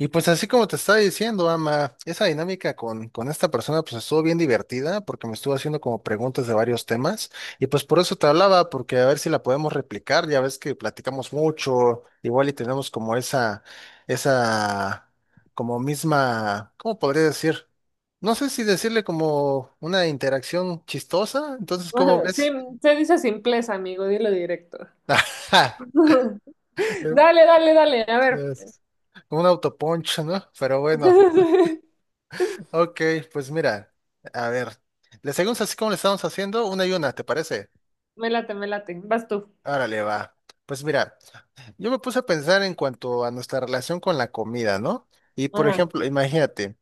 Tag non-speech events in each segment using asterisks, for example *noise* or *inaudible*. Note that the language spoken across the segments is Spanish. Y pues así como te estaba diciendo, Ama, esa dinámica con esta persona pues estuvo bien divertida porque me estuvo haciendo como preguntas de varios temas y pues por eso te hablaba, porque a ver si la podemos replicar, ya ves que platicamos mucho, igual y tenemos como esa, como misma, ¿cómo podría decir? No sé si decirle como una interacción chistosa, entonces *laughs* ¿cómo Ajá, sí, ves? se dice simpleza, amigo, dilo directo. *laughs* Ajá, *laughs* es- Dale, dale, dale, a ver. como un autoponcho, ¿no? Pero bueno. *laughs* Ok, pues mira, a ver, le seguimos así como le estamos haciendo, una y una, ¿te parece? Me late, vas tú. Órale, va. Pues mira, yo me puse a pensar en cuanto a nuestra relación con la comida, ¿no? Y por Ajá. ejemplo, imagínate,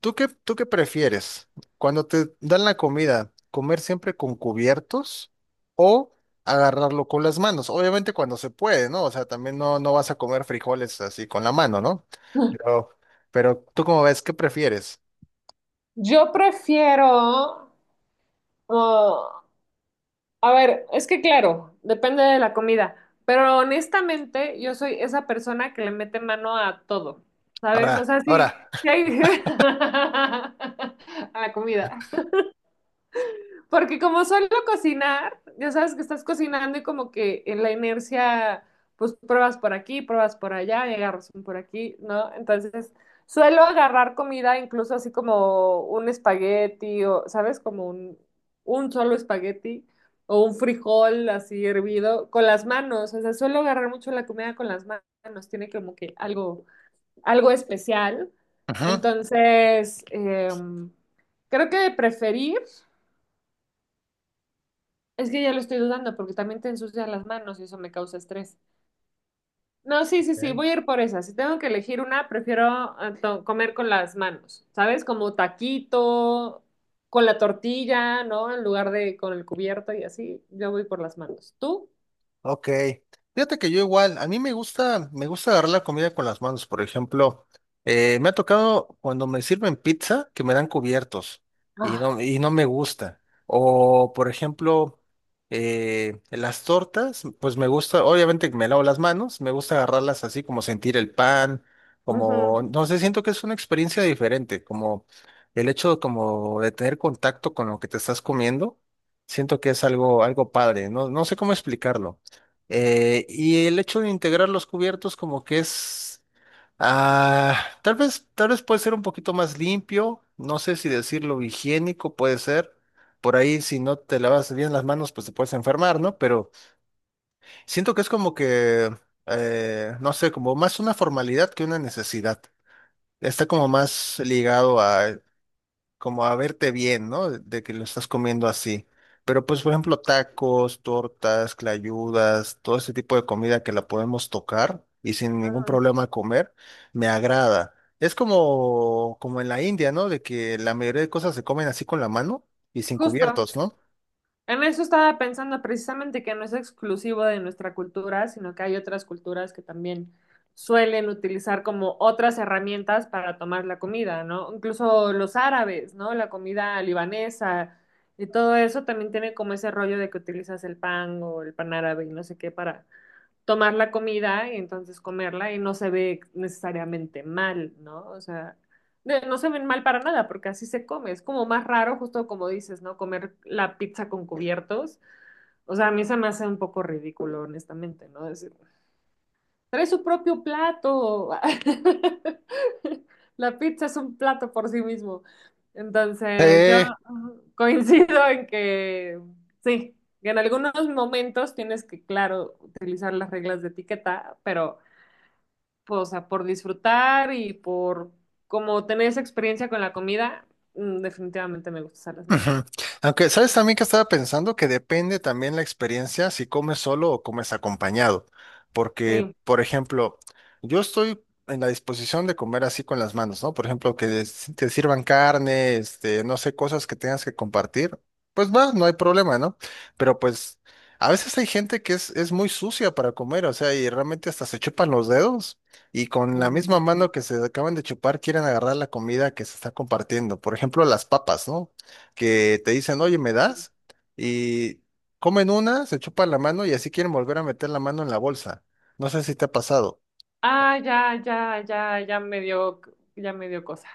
¿¿tú qué prefieres? Cuando te dan la comida, ¿comer siempre con cubiertos o agarrarlo con las manos? Obviamente cuando se puede, ¿no? O sea, también no, no vas a comer frijoles así con la mano, ¿no? Pero, pero ¿tú cómo ves? ¿Qué prefieres? Yo prefiero, oh, a ver, es que claro, depende de la comida, pero honestamente yo soy esa persona que le mete mano a todo, ¿sabes? O Ahora, sea, ahora. sí, sí hay- *laughs* a la comida. Porque como suelo cocinar, ya sabes que estás cocinando y como que en la inercia, pues pruebas por aquí, pruebas por allá y agarras un por aquí, ¿no? Entonces, suelo agarrar comida incluso así como un espagueti o, ¿sabes? Como un solo espagueti o un frijol así hervido con las manos. O sea, suelo agarrar mucho la comida con las manos, tiene como que algo, algo especial. *laughs* Entonces, em, creo que de preferir. Es que ya lo estoy dudando porque también te ensucian las manos y eso me causa estrés. No, sí, sí, sí, Ok. voy a ir por esa. Si tengo que elegir una, prefiero comer con las manos, ¿sabes? Como taquito, con la tortilla, ¿no? En lugar de con el cubierto y así, yo voy por las manos. ¿Tú? Ok, fíjate que yo igual, a mí me gusta, agarrar la comida con las manos, por ejemplo, me ha tocado cuando me sirven pizza que me dan cubiertos y Ah, no, y no me gusta. O, por ejemplo, las tortas, pues me gusta, obviamente que me lavo las manos, me gusta agarrarlas así como sentir el pan, ujú, como, no sé, siento que es una experiencia diferente, como el hecho como de tener contacto con lo que te estás comiendo, siento que es algo padre, no, no sé cómo explicarlo. Y el hecho de integrar los cubiertos como que es, ah, tal vez puede ser un poquito más limpio, no sé si decirlo higiénico puede ser. Por ahí si no te lavas bien las manos pues te puedes enfermar, ¿no? Pero siento que es como que, no sé, como más una formalidad que una necesidad. Está como más ligado a como a verte bien, ¿no? De que lo estás comiendo así. Pero pues, por ejemplo, tacos, tortas, clayudas, todo ese tipo de comida que la podemos tocar y sin ningún ujú. problema comer, me agrada. Es como, en la India, ¿no? De que la mayoría de cosas se comen así con la mano y sin Justo. cubiertos, ¿no? En eso estaba pensando precisamente que no es exclusivo de nuestra cultura, sino que hay otras culturas que también suelen utilizar como otras herramientas para tomar la comida, ¿no? Incluso los árabes, ¿no? La comida libanesa y todo eso también tiene como ese rollo de que utilizas el pan o el pan árabe y no sé qué para tomar la comida y entonces comerla y no se ve necesariamente mal, ¿no? O sea, no se ven mal para nada porque así se come. Es como más raro, justo como dices, ¿no? Comer la pizza con cubiertos. O sea, a mí se me hace un poco ridículo, honestamente, ¿no? Decir: "Trae su propio plato". *laughs* La pizza es un plato por sí mismo. Entonces, yo Sí. *laughs* Coincido en que sí, que en algunos momentos tienes que, claro, utilizar las reglas de etiqueta, pero, pues, o sea, por disfrutar y por como tener esa experiencia con la comida, definitivamente me gusta usar las manos Ujú. también. Aunque, ¿sabes también que estaba pensando? Que depende también la experiencia si comes solo o comes acompañado. Porque, Sí. por ejemplo, yo estoy en la disposición de comer así con las manos, ¿no? Por ejemplo, que te sirvan carne, este, no sé, cosas que tengas que compartir. Pues va, no hay problema, ¿no? Pero pues a veces hay gente que es muy sucia para comer, o sea, y realmente hasta se chupan los dedos y con la misma Mm. mano que se acaban de chupar quieren agarrar la comida que se está compartiendo. Por ejemplo, las papas, ¿no? Que te dicen, oye, ¿me das? Y comen una, se chupan la mano y así quieren volver a meter la mano en la bolsa. No sé si te ha pasado. Ah, ya, ya, ya, ya me dio cosa.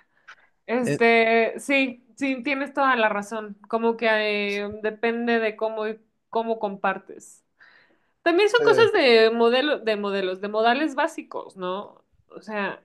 Eh, Este, sí, sí, tienes toda la razón. Como que depende de cómo compartes. También son eh, cosas de modelo, de modelos, de modales básicos, ¿no? O sea,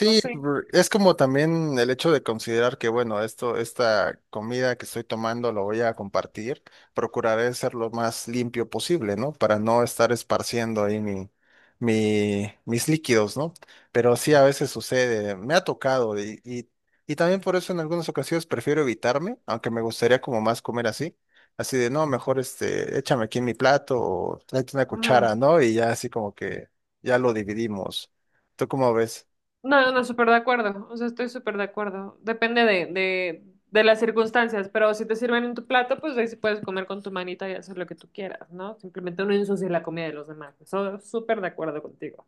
no sé. Es como también el hecho de considerar que, bueno, esta comida que estoy tomando lo voy a compartir. Procuraré ser lo más limpio posible, ¿no? Para no estar esparciendo ahí mis líquidos, ¿no? Pero sí, a veces sucede, me ha tocado y también por eso en algunas ocasiones prefiero evitarme, aunque me gustaría como más comer así. Así de, no, mejor este, échame aquí en mi plato o tráete una Ujú. cuchara, ¿no? Y ya así como que ya lo dividimos. ¿Tú cómo ves? No, no, súper de acuerdo. O sea, estoy súper de acuerdo. Depende de las circunstancias, pero si te sirven en tu plato, pues ahí sí puedes comer con tu manita y hacer lo que tú quieras, ¿no? Simplemente no ensuciar la comida de los demás. Eso súper de acuerdo contigo.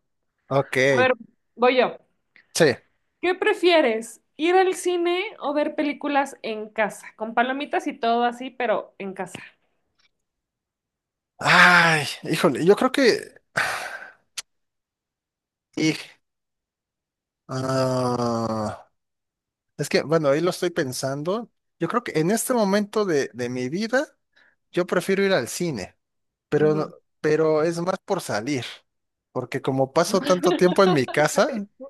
Ok, A ver, voy yo. sí. ¿Qué prefieres? ¿Ir al cine o ver películas en casa? Con palomitas y todo así, pero en casa. Ay, híjole, yo creo que... y- ah, es que, bueno, ahí lo estoy pensando. Yo creo que en este momento de mi vida, yo prefiero ir al cine, pero, no- Ujú. pero es más por salir, porque como paso tanto tiempo en mi casa, *laughs*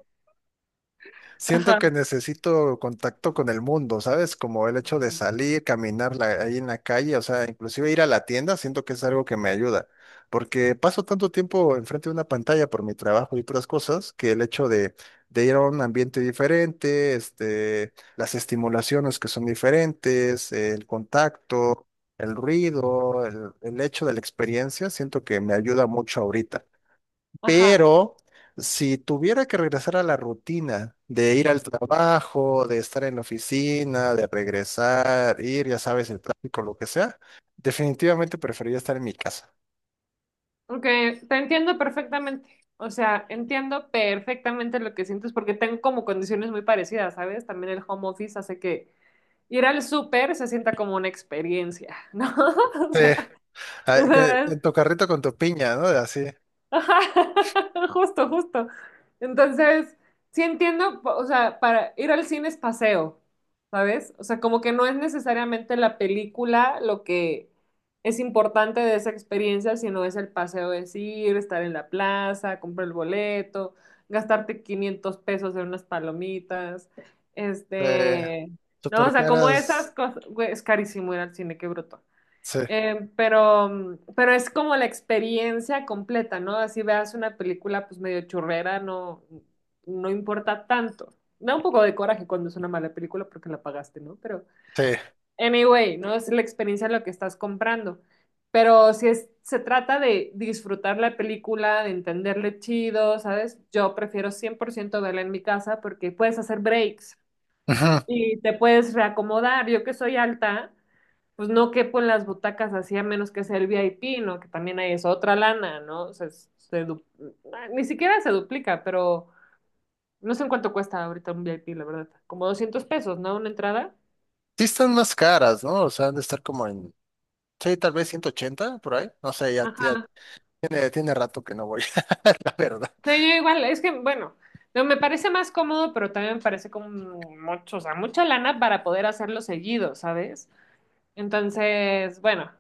siento Ajá, que necesito contacto con el mundo, ¿sabes? Como el hecho de salir, caminar ahí en la calle, o sea, inclusive ir a la tienda, siento que es algo que me ayuda, porque paso tanto tiempo enfrente de una pantalla por mi trabajo y otras cosas, que el hecho de ir a un ambiente diferente, este, las estimulaciones que son diferentes, el contacto, el ruido, el hecho de la experiencia, siento que me ayuda mucho ahorita. ajá. Pero si tuviera que regresar a la rutina de ir al trabajo, de estar en la oficina, de regresar, ir, ya sabes, el tráfico, lo que sea, definitivamente preferiría estar en mi casa. Ok, te entiendo perfectamente. O sea, entiendo perfectamente lo que sientes porque tengo como condiciones muy parecidas, ¿sabes? También el home office hace que ir al súper se sienta como una experiencia, ¿no? *laughs* O Sí, sea, en ¿sabes? tu carrito con tu piña, ¿no? Así, Ajá, *laughs* justo, justo. Entonces, sí entiendo, o sea, para ir al cine es paseo, ¿sabes? O sea, como que no es necesariamente la película lo que es importante de esa experiencia, sino es el paseo, es ir, estar en la plaza, comprar el boleto, gastarte 500 pesos en unas palomitas, eh, este, no, super o sea, como esas caras. cosas, güey, es carísimo ir al cine, qué bruto. Sí, Pero es como la experiencia completa, ¿no? Así veas una película pues medio churrera, no, no importa tanto. Da un poco de coraje cuando es una mala película porque la pagaste, ¿no? Pero, sí. anyway, ¿no? Es la experiencia lo que estás comprando. Pero si es, se trata de disfrutar la película, de entenderle chido, ¿sabes? Yo prefiero 100% verla en mi casa porque puedes hacer breaks Ujú. y te puedes reacomodar. Yo que soy alta pues no quepo en las butacas así a menos que sea el VIP, ¿no? Que también hay es otra lana, ¿no? O sea, ni siquiera se duplica, pero no sé en cuánto cuesta ahorita un VIP, la verdad. Como 200 pesos, ¿no? Una entrada. Sí están más caras, ¿no? O sea, han de estar como en, sí, tal vez 180 por ahí. No sé, ya Ajá. tiene rato que no voy, *laughs* la verdad. Sí, yo igual, es que, bueno, no, me parece más cómodo, pero también me parece como mucho, o sea, mucha lana para poder hacerlo seguido, ¿sabes? Entonces, bueno,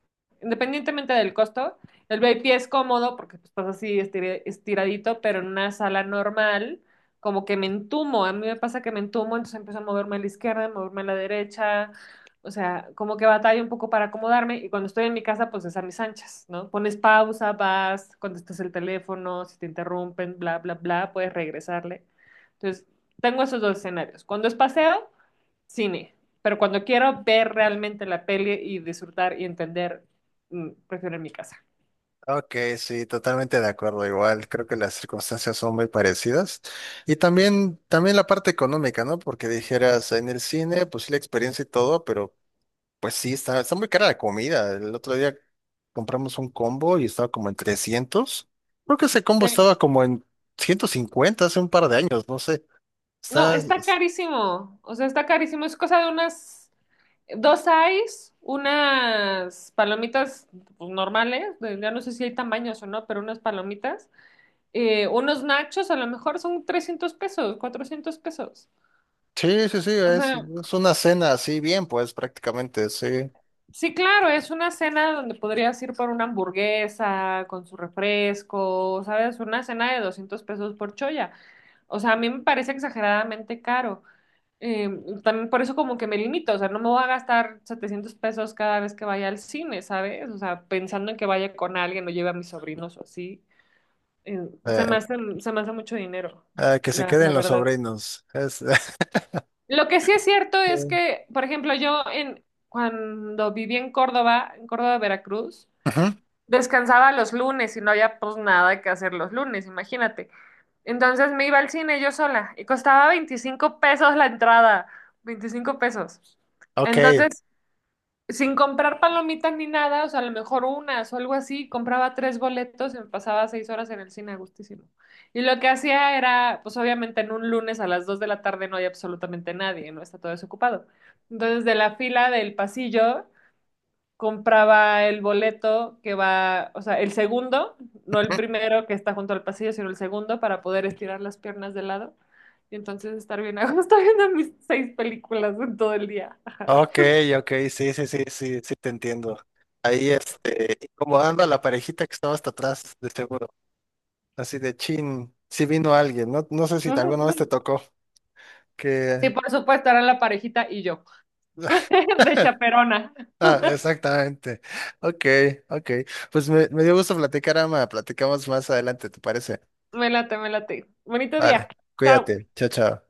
independientemente del costo, el VIP es cómodo porque pues, estás así estiradito, pero en una sala normal, como que me entumo. A mí me pasa que me entumo, entonces empiezo a moverme a la izquierda, a moverme a la derecha. O sea, como que batalla un poco para acomodarme. Y cuando estoy en mi casa, pues es a mis anchas, ¿no? Pones pausa, vas, contestas el teléfono, si te interrumpen, bla, bla, bla, puedes regresarle. Entonces, tengo esos dos escenarios. Cuando es paseo, cine. Pero cuando quiero ver realmente la peli y disfrutar y entender, prefiero en mi casa. Ok, sí, totalmente de acuerdo. Igual creo que las circunstancias son muy parecidas. Y también, la parte económica, ¿no? Porque dijeras en el cine, pues sí, la experiencia y todo, pero pues sí, está muy cara la comida. El otro día compramos un combo y estaba como en 300. Creo que ese combo Sí. estaba como en 150 hace un par de años, no sé. No, Está, está carísimo. O sea, está carísimo. Es cosa de unas dos eyes, unas palomitas pues, normales. Ya no sé si hay tamaños o no, pero unas palomitas. Unos nachos, a lo mejor son 300 pesos, 400 pesos. sí, sí, sí, O es, sea, es una cena así bien, pues prácticamente, sí. sí, claro, es una cena donde podrías ir por una hamburguesa con su refresco, ¿sabes? Una cena de 200 pesos por choya. O sea, a mí me parece exageradamente caro. Eh, también por eso como que me limito, o sea, no me voy a gastar 700 pesos cada vez que vaya al cine, ¿sabes? O sea, pensando en que vaya con alguien o lleve a mis sobrinos o así. Eh, se me Eh, hace, se me hace mucho dinero, que se la queden los verdad. sobrinos. Lo que sí es cierto *laughs* es sí. que, por ejemplo, yo cuando viví en Córdoba, Veracruz, Ujú. descansaba los lunes y no había pues nada que hacer los lunes, imagínate. Entonces me iba al cine yo sola y costaba 25 pesos la entrada, 25 pesos. Ok, Entonces, sin comprar palomitas ni nada, o sea, a lo mejor unas o algo así, compraba tres boletos y me pasaba 6 horas en el cine a gustísimo. Y lo que hacía era, pues obviamente en un lunes a las 2 de la tarde no hay absolutamente nadie, no está todo desocupado. Entonces, de la fila del pasillo compraba el boleto que va, o sea, el segundo, no el primero que está junto al pasillo, sino el segundo para poder estirar las piernas de lado y entonces estar bien *laughs* a gusto viendo mis seis películas en todo el día. *laughs* ok, ok, sí, sí, sí, sí, sí, te entiendo. Ahí, este, incomodando a la parejita que estaba hasta atrás, de seguro. Así de chin, si vino alguien, no, no sé si Ujú, alguna vez ujú. te tocó, Sí, que... por supuesto, era la parejita y yo, *laughs* de *laughs* chaperona. Ah, exactamente. Ok, ok. Pues me dio gusto platicar, Ama. Platicamos más adelante, ¿te parece? Me late, me late. Bonito día. Vale, Chao. cuídate. Chao, chao.